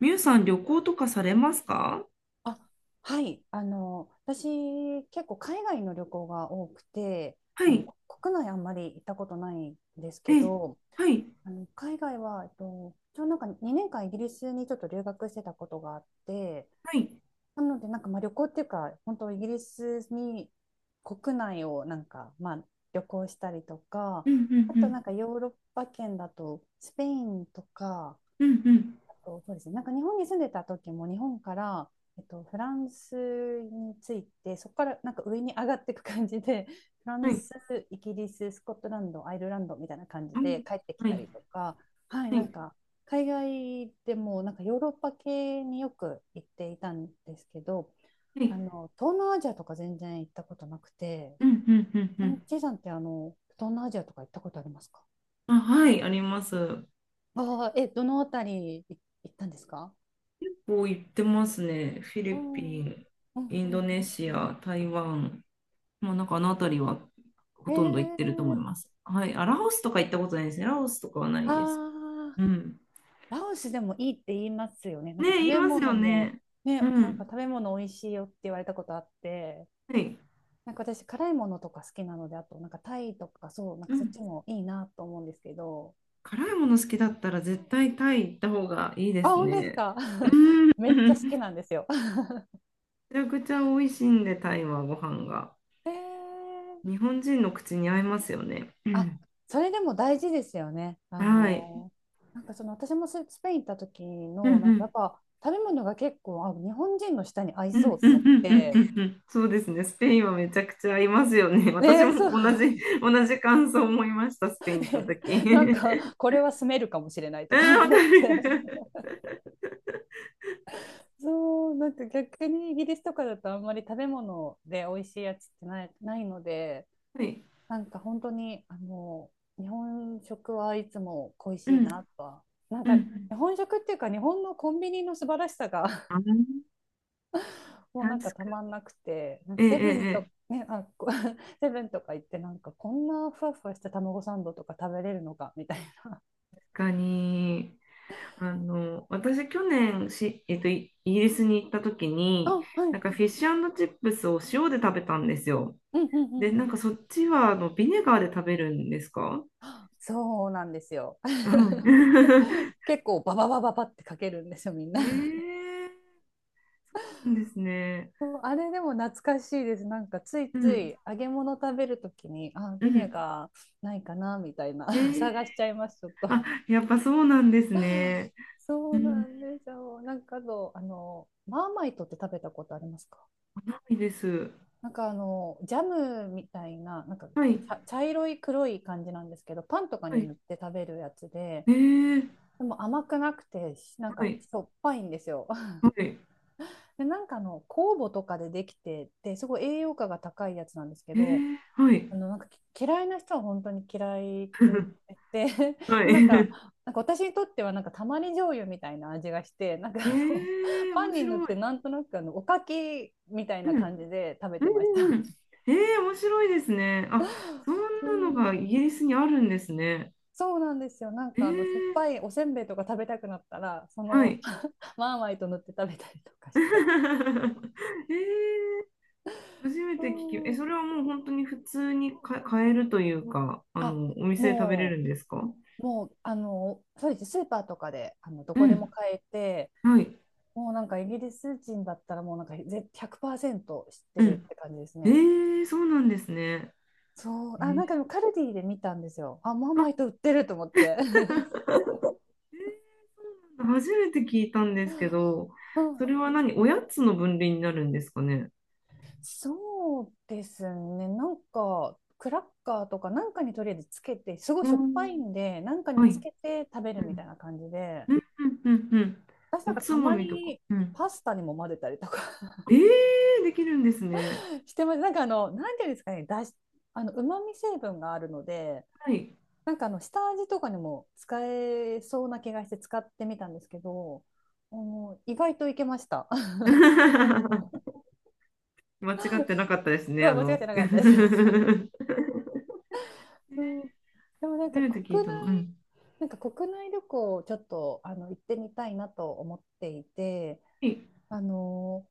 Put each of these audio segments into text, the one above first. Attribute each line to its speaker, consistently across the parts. Speaker 1: みゆさん、旅行とかされますか？
Speaker 2: あはい、私、結構海外の旅行が多くて、
Speaker 1: は
Speaker 2: あの
Speaker 1: い。
Speaker 2: こ国内あんまり行ったことないんです
Speaker 1: え
Speaker 2: け
Speaker 1: え、
Speaker 2: ど、
Speaker 1: はい。
Speaker 2: 海外は、ちょうどなんか2年間イギリスにちょっと留学してたことがあって、
Speaker 1: はい。
Speaker 2: なのでなんかまあ旅行っていうか本当イギリスに国内をなんかまあ旅行したりとか、
Speaker 1: うんうん
Speaker 2: あ
Speaker 1: う
Speaker 2: となん
Speaker 1: ん。
Speaker 2: かヨーロッパ圏だとスペインとか。
Speaker 1: うんうん。
Speaker 2: と、そうですね、なんか日本に住んでた時も日本から、フランスについて、そこからなんか上に上がっていく感じで フラ
Speaker 1: は
Speaker 2: ン
Speaker 1: い。
Speaker 2: ス、イギリス、スコットランド、アイルランドみたいな感じ
Speaker 1: はい。
Speaker 2: で帰ってき
Speaker 1: は
Speaker 2: た
Speaker 1: い。
Speaker 2: りとか。はい、なん
Speaker 1: は
Speaker 2: か海外でもなんかヨーロッパ系によく行っていたんですけど、
Speaker 1: い。
Speaker 2: 東南アジアとか全然行ったことなくて。
Speaker 1: うんうんうん
Speaker 2: ち
Speaker 1: う
Speaker 2: なみに
Speaker 1: ん。
Speaker 2: ちいさんって、東南アジアとか行ったことありますか？
Speaker 1: あ、はい、あります。
Speaker 2: ああ、え、どのあたり行ったんですか？
Speaker 1: こう言ってますね。フィ
Speaker 2: う
Speaker 1: リ
Speaker 2: ん、
Speaker 1: ピ
Speaker 2: うん、
Speaker 1: ン、
Speaker 2: うん、
Speaker 1: イン
Speaker 2: う
Speaker 1: ドネ
Speaker 2: ん。
Speaker 1: シア、台湾。まあ、なんかあの辺りはほ
Speaker 2: え
Speaker 1: とんど行ってると思い
Speaker 2: ー、
Speaker 1: ます。はい。あ、ラオスとか行ったことないですね。ラオスとかはな
Speaker 2: あ
Speaker 1: いです。
Speaker 2: ー、
Speaker 1: うん。
Speaker 2: ラオスでもいいって言いますよね。なん
Speaker 1: ねえ、
Speaker 2: か食
Speaker 1: 言い
Speaker 2: べ
Speaker 1: ます
Speaker 2: 物
Speaker 1: よ
Speaker 2: も、
Speaker 1: ね。う
Speaker 2: ね、なんか
Speaker 1: ん。
Speaker 2: 食べ物美味しいよって言われたことあって、
Speaker 1: はい。
Speaker 2: なんか私、辛いものとか好きなので、あと、なんかタイとか、そう、なん
Speaker 1: う
Speaker 2: かそっ
Speaker 1: ん。
Speaker 2: ちもいいなと思うんですけど、
Speaker 1: 辛いもの好きだったら絶対タイ行った方がいいで
Speaker 2: あ、
Speaker 1: す
Speaker 2: 本当です
Speaker 1: ね。
Speaker 2: か？
Speaker 1: う ん。
Speaker 2: めっち
Speaker 1: め
Speaker 2: ゃ好きなんですよ。
Speaker 1: ちゃくちゃ美味しいんで、タイはご飯が。
Speaker 2: えー。
Speaker 1: 日本人の口に合いますよね。う
Speaker 2: あ、
Speaker 1: ん。
Speaker 2: それでも大事ですよね。
Speaker 1: はい。
Speaker 2: なんかその、私もスペイン行った時
Speaker 1: うんう
Speaker 2: の、なんか
Speaker 1: ん。
Speaker 2: やっぱ食べ物が結構、あ、日本人の舌に合い
Speaker 1: う
Speaker 2: そ
Speaker 1: ん
Speaker 2: うと
Speaker 1: うん
Speaker 2: 思っ
Speaker 1: うんうんう
Speaker 2: て、
Speaker 1: んうん。そうですね。スペインはめちゃくちゃ合いますよね。私
Speaker 2: ね、そう。
Speaker 1: も同じ感想を思いました。スペイン行っ
Speaker 2: っ
Speaker 1: た
Speaker 2: て
Speaker 1: 時。
Speaker 2: なん かこれは住めるかもしれない
Speaker 1: う
Speaker 2: とか
Speaker 1: ん、わか
Speaker 2: 思って。
Speaker 1: る。
Speaker 2: そう、なんか逆にイギリスとかだとあんまり食べ物で美味しいやつってないので、
Speaker 1: はい。
Speaker 2: なんか本当に日本食はいつも恋
Speaker 1: う
Speaker 2: し
Speaker 1: ん
Speaker 2: いなとは、なん
Speaker 1: うんう
Speaker 2: か
Speaker 1: ん。
Speaker 2: 日本食っていうか日本のコンビニの素晴らしさが、
Speaker 1: あ、
Speaker 2: もう
Speaker 1: 確
Speaker 2: なんかた
Speaker 1: か
Speaker 2: ま
Speaker 1: に。
Speaker 2: んなくて、なん
Speaker 1: え
Speaker 2: かセ
Speaker 1: え
Speaker 2: ブンと、
Speaker 1: ええ
Speaker 2: ね、あ、 セブンとか行ってなんかこんなふわふわした卵サンドとか食べれるのかみたいな。
Speaker 1: かに、私去年イギリスに行った時に、
Speaker 2: あ、は
Speaker 1: なんか
Speaker 2: い。
Speaker 1: フィッシュチップスを塩で食べたんですよ。
Speaker 2: うん、うん、う
Speaker 1: で、
Speaker 2: ん、う
Speaker 1: なん
Speaker 2: ん。
Speaker 1: かそっちはビネガーで食べるんですか？
Speaker 2: そうなんですよ。
Speaker 1: はい。
Speaker 2: 結構バババババってかけるんですよ、みん
Speaker 1: え
Speaker 2: な。
Speaker 1: ー、なんですね。
Speaker 2: あれでも懐かしいです。なんかつい
Speaker 1: う
Speaker 2: つ
Speaker 1: ん、
Speaker 2: い揚げ物食べるときに、あ、
Speaker 1: う
Speaker 2: ビネ
Speaker 1: ん。
Speaker 2: ガーないかなみたいな。
Speaker 1: え ー、
Speaker 2: 探しちゃいますちょっと。
Speaker 1: あ、やっぱそうなんですね。
Speaker 2: そ
Speaker 1: う
Speaker 2: う
Speaker 1: ん、
Speaker 2: な
Speaker 1: な
Speaker 2: んですよ。なんかどう、マーマイトって食べたことありますか？
Speaker 1: いです。
Speaker 2: なんかジャムみたいな、なんか
Speaker 1: はい、
Speaker 2: 茶色い黒い感じなんですけど、パンとか
Speaker 1: は
Speaker 2: に
Speaker 1: い。
Speaker 2: 塗って食べるやつで、
Speaker 1: えー、
Speaker 2: でも甘くなくてなん
Speaker 1: は
Speaker 2: か
Speaker 1: い、
Speaker 2: しょっぱいんですよ。
Speaker 1: はい。
Speaker 2: で、なんか酵母とかでできてて、すごい栄養価が高いやつなんですけ
Speaker 1: え
Speaker 2: ど、
Speaker 1: ー、はい、
Speaker 2: なんか嫌いな人は本当に嫌いって言って、で、
Speaker 1: はい。
Speaker 2: なんか、なんか私にとってはなんかたまり醤油みたいな味がして、なんか
Speaker 1: えー、
Speaker 2: パ
Speaker 1: 面
Speaker 2: ンに塗っ
Speaker 1: 白
Speaker 2: て
Speaker 1: い。
Speaker 2: なんとなくおかきみたい
Speaker 1: う
Speaker 2: な感
Speaker 1: ん
Speaker 2: じで食べ
Speaker 1: う
Speaker 2: てまし
Speaker 1: んうんう
Speaker 2: た。
Speaker 1: ん。えー、面白いですね。あ、そん
Speaker 2: う
Speaker 1: なのが
Speaker 2: ん。
Speaker 1: イギリスにあるんですね。
Speaker 2: そうなんですよ。なん
Speaker 1: えー、
Speaker 2: か酸っぱいおせんべいとか食べたくなったら、そ
Speaker 1: は
Speaker 2: の、
Speaker 1: い。
Speaker 2: マーマイト塗って食べたりとか して。
Speaker 1: えー、初め
Speaker 2: う
Speaker 1: て聞き、え、
Speaker 2: ん。
Speaker 1: それはもう本当に普通にか買えるというか、
Speaker 2: あ、
Speaker 1: お店で食べれ
Speaker 2: も
Speaker 1: るん
Speaker 2: う。
Speaker 1: ですか？
Speaker 2: もう、そうですね。スーパーとかで、ど
Speaker 1: う
Speaker 2: こでも
Speaker 1: ん。
Speaker 2: 買えて、
Speaker 1: はい。
Speaker 2: もうなんかイギリス人だったらもうなんか100%知って
Speaker 1: う
Speaker 2: るっ
Speaker 1: ん。
Speaker 2: て感じです
Speaker 1: え
Speaker 2: ね。
Speaker 1: ー、そうなんですね。
Speaker 2: そう、
Speaker 1: え
Speaker 2: あ、な
Speaker 1: ー、
Speaker 2: んかでもカルディで見たんですよ。あ、マー
Speaker 1: あ、
Speaker 2: マイト売ってると思っ
Speaker 1: えーそう
Speaker 2: て。
Speaker 1: なんだ、初めて聞いたんですけど、
Speaker 2: う
Speaker 1: そ
Speaker 2: ん。
Speaker 1: れは何、おやつの分類になるんですかね。
Speaker 2: そうですね。なんか、クラッカーとかなんかにとりあえずつけて、すごい
Speaker 1: う
Speaker 2: しょっぱい
Speaker 1: ん。
Speaker 2: んで、なんか
Speaker 1: は
Speaker 2: につ
Speaker 1: い。
Speaker 2: けて食べるみたいな感じで、
Speaker 1: うんうんうんうん。
Speaker 2: 私な
Speaker 1: お
Speaker 2: んか
Speaker 1: つ
Speaker 2: た
Speaker 1: ま
Speaker 2: ま
Speaker 1: みとか。
Speaker 2: に
Speaker 1: うん。
Speaker 2: パスタにも混ぜたりとか
Speaker 1: えー、できるんですね。
Speaker 2: してます。なんかなんていうんですかね、だし、あの、旨味成分があるので、
Speaker 1: はい。
Speaker 2: なんか下味とかにも使えそうな気がして使ってみたんですけど、意外といけました。
Speaker 1: 間違ってなかったです ね。
Speaker 2: そう、間違って なか
Speaker 1: 初
Speaker 2: ったです。そう。でもなんか
Speaker 1: めて聞い
Speaker 2: 国
Speaker 1: たの。う
Speaker 2: 内、
Speaker 1: ん。
Speaker 2: なんか国内旅行をちょっと行ってみたいなと思っていて、
Speaker 1: はい。
Speaker 2: あの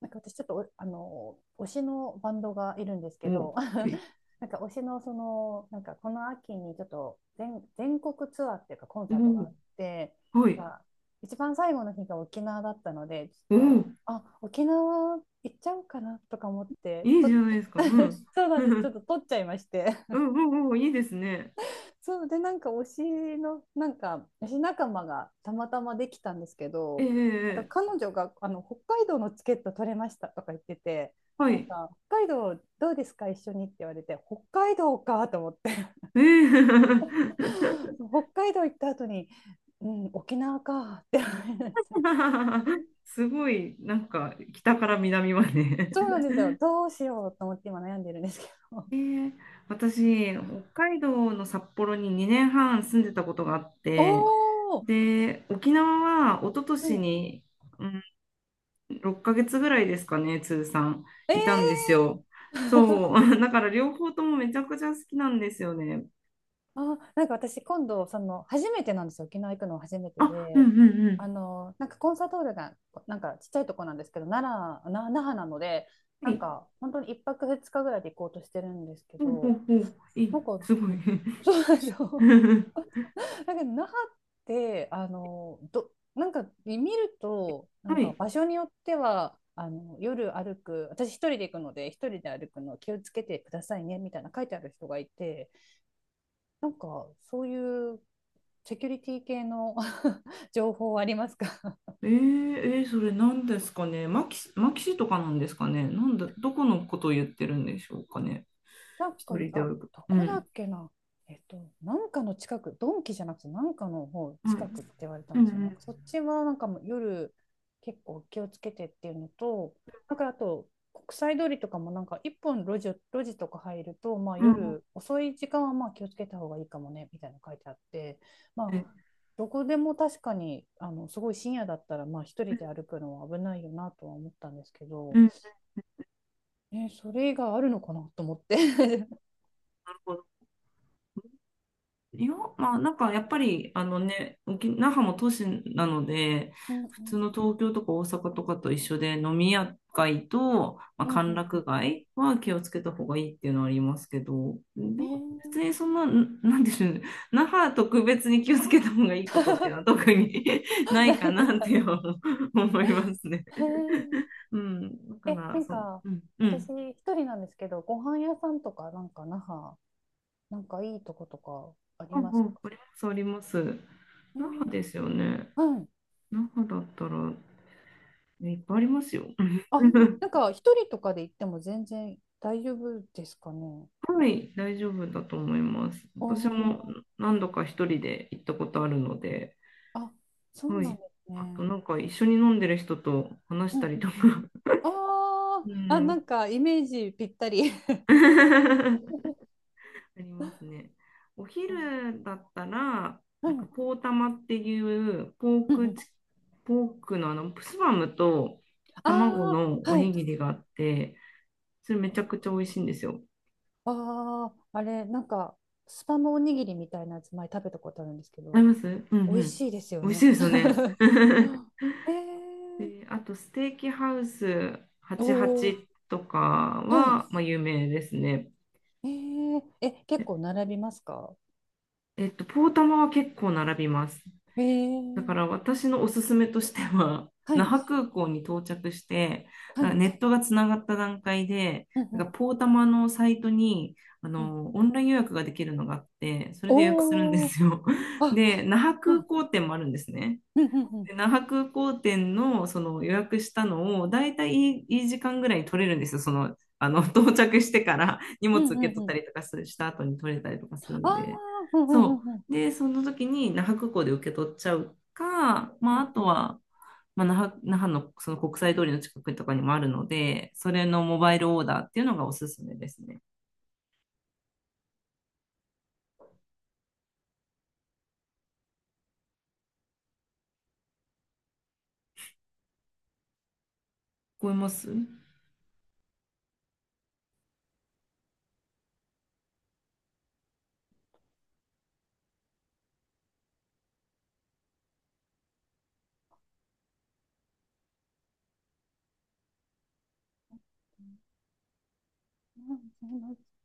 Speaker 2: なんか私、ちょっと推しのバンドがいるんですけ
Speaker 1: お、は
Speaker 2: ど、
Speaker 1: い。
Speaker 2: なんか推しの、その、なんかこの秋にちょっと全国ツアーっていうかコン
Speaker 1: お
Speaker 2: サートがあ
Speaker 1: ー
Speaker 2: って、
Speaker 1: はい。
Speaker 2: が、一番最後の日が沖縄だったので、ちょっ
Speaker 1: お
Speaker 2: と、
Speaker 1: ー
Speaker 2: あ、沖縄行っちゃおうかなとか思って
Speaker 1: いいじ
Speaker 2: と。
Speaker 1: ゃないですか。うん。
Speaker 2: そう なんです、
Speaker 1: う
Speaker 2: ちょっ
Speaker 1: ん、
Speaker 2: と撮っちゃいまして。
Speaker 1: うん、うん、いいですね。
Speaker 2: そうで、なんか推しの、なんか推し仲間がたまたまできたんですけ
Speaker 1: え
Speaker 2: ど、なん
Speaker 1: ええ
Speaker 2: か彼女が北海道のチケット取れましたとか言ってて、
Speaker 1: は
Speaker 2: なん
Speaker 1: い。
Speaker 2: か北海道どうですか一緒にって言われて、北海道かと思って、
Speaker 1: ええ
Speaker 2: 北海道行った後に、うん、沖縄かって思いました。
Speaker 1: すごい、なんか、北から南まで
Speaker 2: そうなんですよ、どうしようと思って今悩んでるんですけど。
Speaker 1: えー私、北海道の札幌に2年半住んでたことがあって、
Speaker 2: おおー、
Speaker 1: で、沖縄は一昨
Speaker 2: う
Speaker 1: 年
Speaker 2: ん、
Speaker 1: に、うん、6ヶ月ぐらいですかね、通算、いたん
Speaker 2: え
Speaker 1: ですよ。そう、
Speaker 2: ー、
Speaker 1: だから両方ともめちゃくちゃ好きなんですよね。
Speaker 2: あ、なんか私今度、その、初めてなんですよ。沖縄行くのは初めて
Speaker 1: あ、うんう
Speaker 2: で、
Speaker 1: んう
Speaker 2: あ
Speaker 1: ん。
Speaker 2: の、なんかコンサートホールが、なんかちっちゃいとこなんですけど、奈良、な、那覇なので、
Speaker 1: は
Speaker 2: なん
Speaker 1: い。
Speaker 2: か本当に一泊二日ぐらいで行こうとしてるんですけ
Speaker 1: ほうほう
Speaker 2: ど、
Speaker 1: ほう。い
Speaker 2: な
Speaker 1: い、
Speaker 2: んか、
Speaker 1: すごい。
Speaker 2: そ うなんですよ。だけど、那覇って、あの、なんか見ると、なん
Speaker 1: は
Speaker 2: か
Speaker 1: い。
Speaker 2: 場所によっては、あの夜歩く、私一人で行くので、一人で歩くの気をつけてくださいねみたいな書いてある人がいて、なんかそういうセキュリティ系の 情報ありますか？
Speaker 1: えー、えーそれ何ですかね。マキシ、マキシとかなんですかね。なんだ、どこのことを言ってるんでしょうかね。
Speaker 2: なんか、
Speaker 1: 一人で
Speaker 2: あ、
Speaker 1: 歩く。
Speaker 2: ど
Speaker 1: う
Speaker 2: こだ
Speaker 1: ん。
Speaker 2: っけな。えっと、なんかの近く、ドンキじゃなくて、なんかの方
Speaker 1: はい。
Speaker 2: 近くって言われたん
Speaker 1: うん
Speaker 2: で
Speaker 1: う
Speaker 2: すよね。なん
Speaker 1: ん。
Speaker 2: かそっちはなんかもう夜結構気をつけてっていうのと、なんかあと、国際通りとかもなんか一本路地とか入ると、まあ、
Speaker 1: うんうん。
Speaker 2: 夜遅い時間はまあ気をつけた方がいいかもねみたいなの書いてあって、ま
Speaker 1: う
Speaker 2: あ、
Speaker 1: ん
Speaker 2: どこでも確かに、あの、すごい深夜だったらまあ一
Speaker 1: う
Speaker 2: 人
Speaker 1: ん。
Speaker 2: で歩くのは危ないよなとは思ったんですけ
Speaker 1: う
Speaker 2: ど、
Speaker 1: ん、
Speaker 2: え、それがあるのかなと思って。
Speaker 1: いや、まあ、なんかやっぱり、あのね、那覇も都市なので、
Speaker 2: うん、う
Speaker 1: 普通
Speaker 2: ん、
Speaker 1: の東京とか大阪とかと一緒で、飲み屋街と、まあ、
Speaker 2: うん、う
Speaker 1: 歓
Speaker 2: ん、う
Speaker 1: 楽
Speaker 2: ん。
Speaker 1: 街は気をつけた方がいいっていうのはありますけど、で
Speaker 2: え
Speaker 1: も、別に
Speaker 2: ー、
Speaker 1: そんな、んなんでしょうね、那覇特別に気をつけた方がいいことっていうのは特に な
Speaker 2: な
Speaker 1: いか
Speaker 2: いです
Speaker 1: なっ
Speaker 2: か
Speaker 1: て
Speaker 2: ね。
Speaker 1: 思いますね。
Speaker 2: へー。
Speaker 1: うん、だか
Speaker 2: え、
Speaker 1: ら、
Speaker 2: なんか
Speaker 1: うん、うん、
Speaker 2: 私一人なんですけど、ご飯屋さんとかなんか那覇、なんかいいとことかあり
Speaker 1: あ、ああ
Speaker 2: ますか？
Speaker 1: ります、あります。
Speaker 2: え
Speaker 1: 那覇
Speaker 2: ー、
Speaker 1: ですよね。
Speaker 2: はい。
Speaker 1: 那覇だったら、いっぱいありますよ。
Speaker 2: あ、ほんとなん か一人とかで行っても全然大丈夫ですかね？
Speaker 1: はい、大丈夫だと思います。
Speaker 2: お
Speaker 1: 私も
Speaker 2: ー。
Speaker 1: 何度か一人で行ったことあるので、
Speaker 2: あ、そう
Speaker 1: は
Speaker 2: なん
Speaker 1: い。
Speaker 2: です
Speaker 1: あと
Speaker 2: ね。
Speaker 1: なんか一緒に飲んでる人と話し
Speaker 2: うん、う
Speaker 1: たりと
Speaker 2: ん、
Speaker 1: か、
Speaker 2: うん。あ
Speaker 1: う
Speaker 2: ー。あ、な
Speaker 1: ん。
Speaker 2: んかイメージぴったり。
Speaker 1: ありますね。お
Speaker 2: あ、
Speaker 1: 昼だったら、
Speaker 2: は
Speaker 1: なんか
Speaker 2: い。
Speaker 1: ポーたまっていう
Speaker 2: うん、うん。
Speaker 1: ポークのスパムと
Speaker 2: あ
Speaker 1: 卵の
Speaker 2: あ、
Speaker 1: お
Speaker 2: は
Speaker 1: に
Speaker 2: い。
Speaker 1: ぎりがあって、それめちゃくちゃ美味しいんですよ。
Speaker 2: ああ、あれ、なんか、スパムおにぎりみたいなやつ前食べたことあるんですけ
Speaker 1: あり
Speaker 2: ど、
Speaker 1: ますうんう
Speaker 2: 美味
Speaker 1: ん。
Speaker 2: しいですよ
Speaker 1: 美味しい
Speaker 2: ね。
Speaker 1: ですよね。
Speaker 2: あ。えー、
Speaker 1: で、あと、ステーキハウス
Speaker 2: おお、
Speaker 1: 88とか
Speaker 2: はい。
Speaker 1: は、まあ、有名ですね。
Speaker 2: えー、え、結構
Speaker 1: え
Speaker 2: 並びますか？
Speaker 1: えポータマは結構並びます。
Speaker 2: え
Speaker 1: だか
Speaker 2: ー、
Speaker 1: ら、私のおすすめとしては、
Speaker 2: は
Speaker 1: 那
Speaker 2: い、
Speaker 1: 覇空港に到着して、
Speaker 2: は
Speaker 1: なんか
Speaker 2: い。
Speaker 1: ネットがつながった段階で、
Speaker 2: うん、う
Speaker 1: なん
Speaker 2: ん、
Speaker 1: かポータマのサイトに
Speaker 2: うん。
Speaker 1: オンライン予約ができるのがあって、それで予約するんで
Speaker 2: おお、
Speaker 1: すよ。
Speaker 2: あ、
Speaker 1: で、那覇
Speaker 2: は
Speaker 1: 空
Speaker 2: い。
Speaker 1: 港店もあるんですね。
Speaker 2: うん、うん、うん。
Speaker 1: で那覇空港店のその予約したのを、だいたいいい時間ぐらいに取れるんですよ。到着してから 荷
Speaker 2: う
Speaker 1: 物受
Speaker 2: ん、
Speaker 1: け
Speaker 2: うん、
Speaker 1: 取っ
Speaker 2: う
Speaker 1: た
Speaker 2: ん。
Speaker 1: りとかした後に取れたりとかする
Speaker 2: あ
Speaker 1: んで。
Speaker 2: あ、うん、うん、
Speaker 1: そ
Speaker 2: うん、うん。
Speaker 1: う。で、その時に那覇空港で受け取っちゃうか、
Speaker 2: う
Speaker 1: まあ、あ
Speaker 2: ん、
Speaker 1: と
Speaker 2: う
Speaker 1: は、まあ、那覇のその国際通りの近くとかにもあるので、それのモバイルオーダーっていうのがおすすめですね。聞こえます？
Speaker 2: ん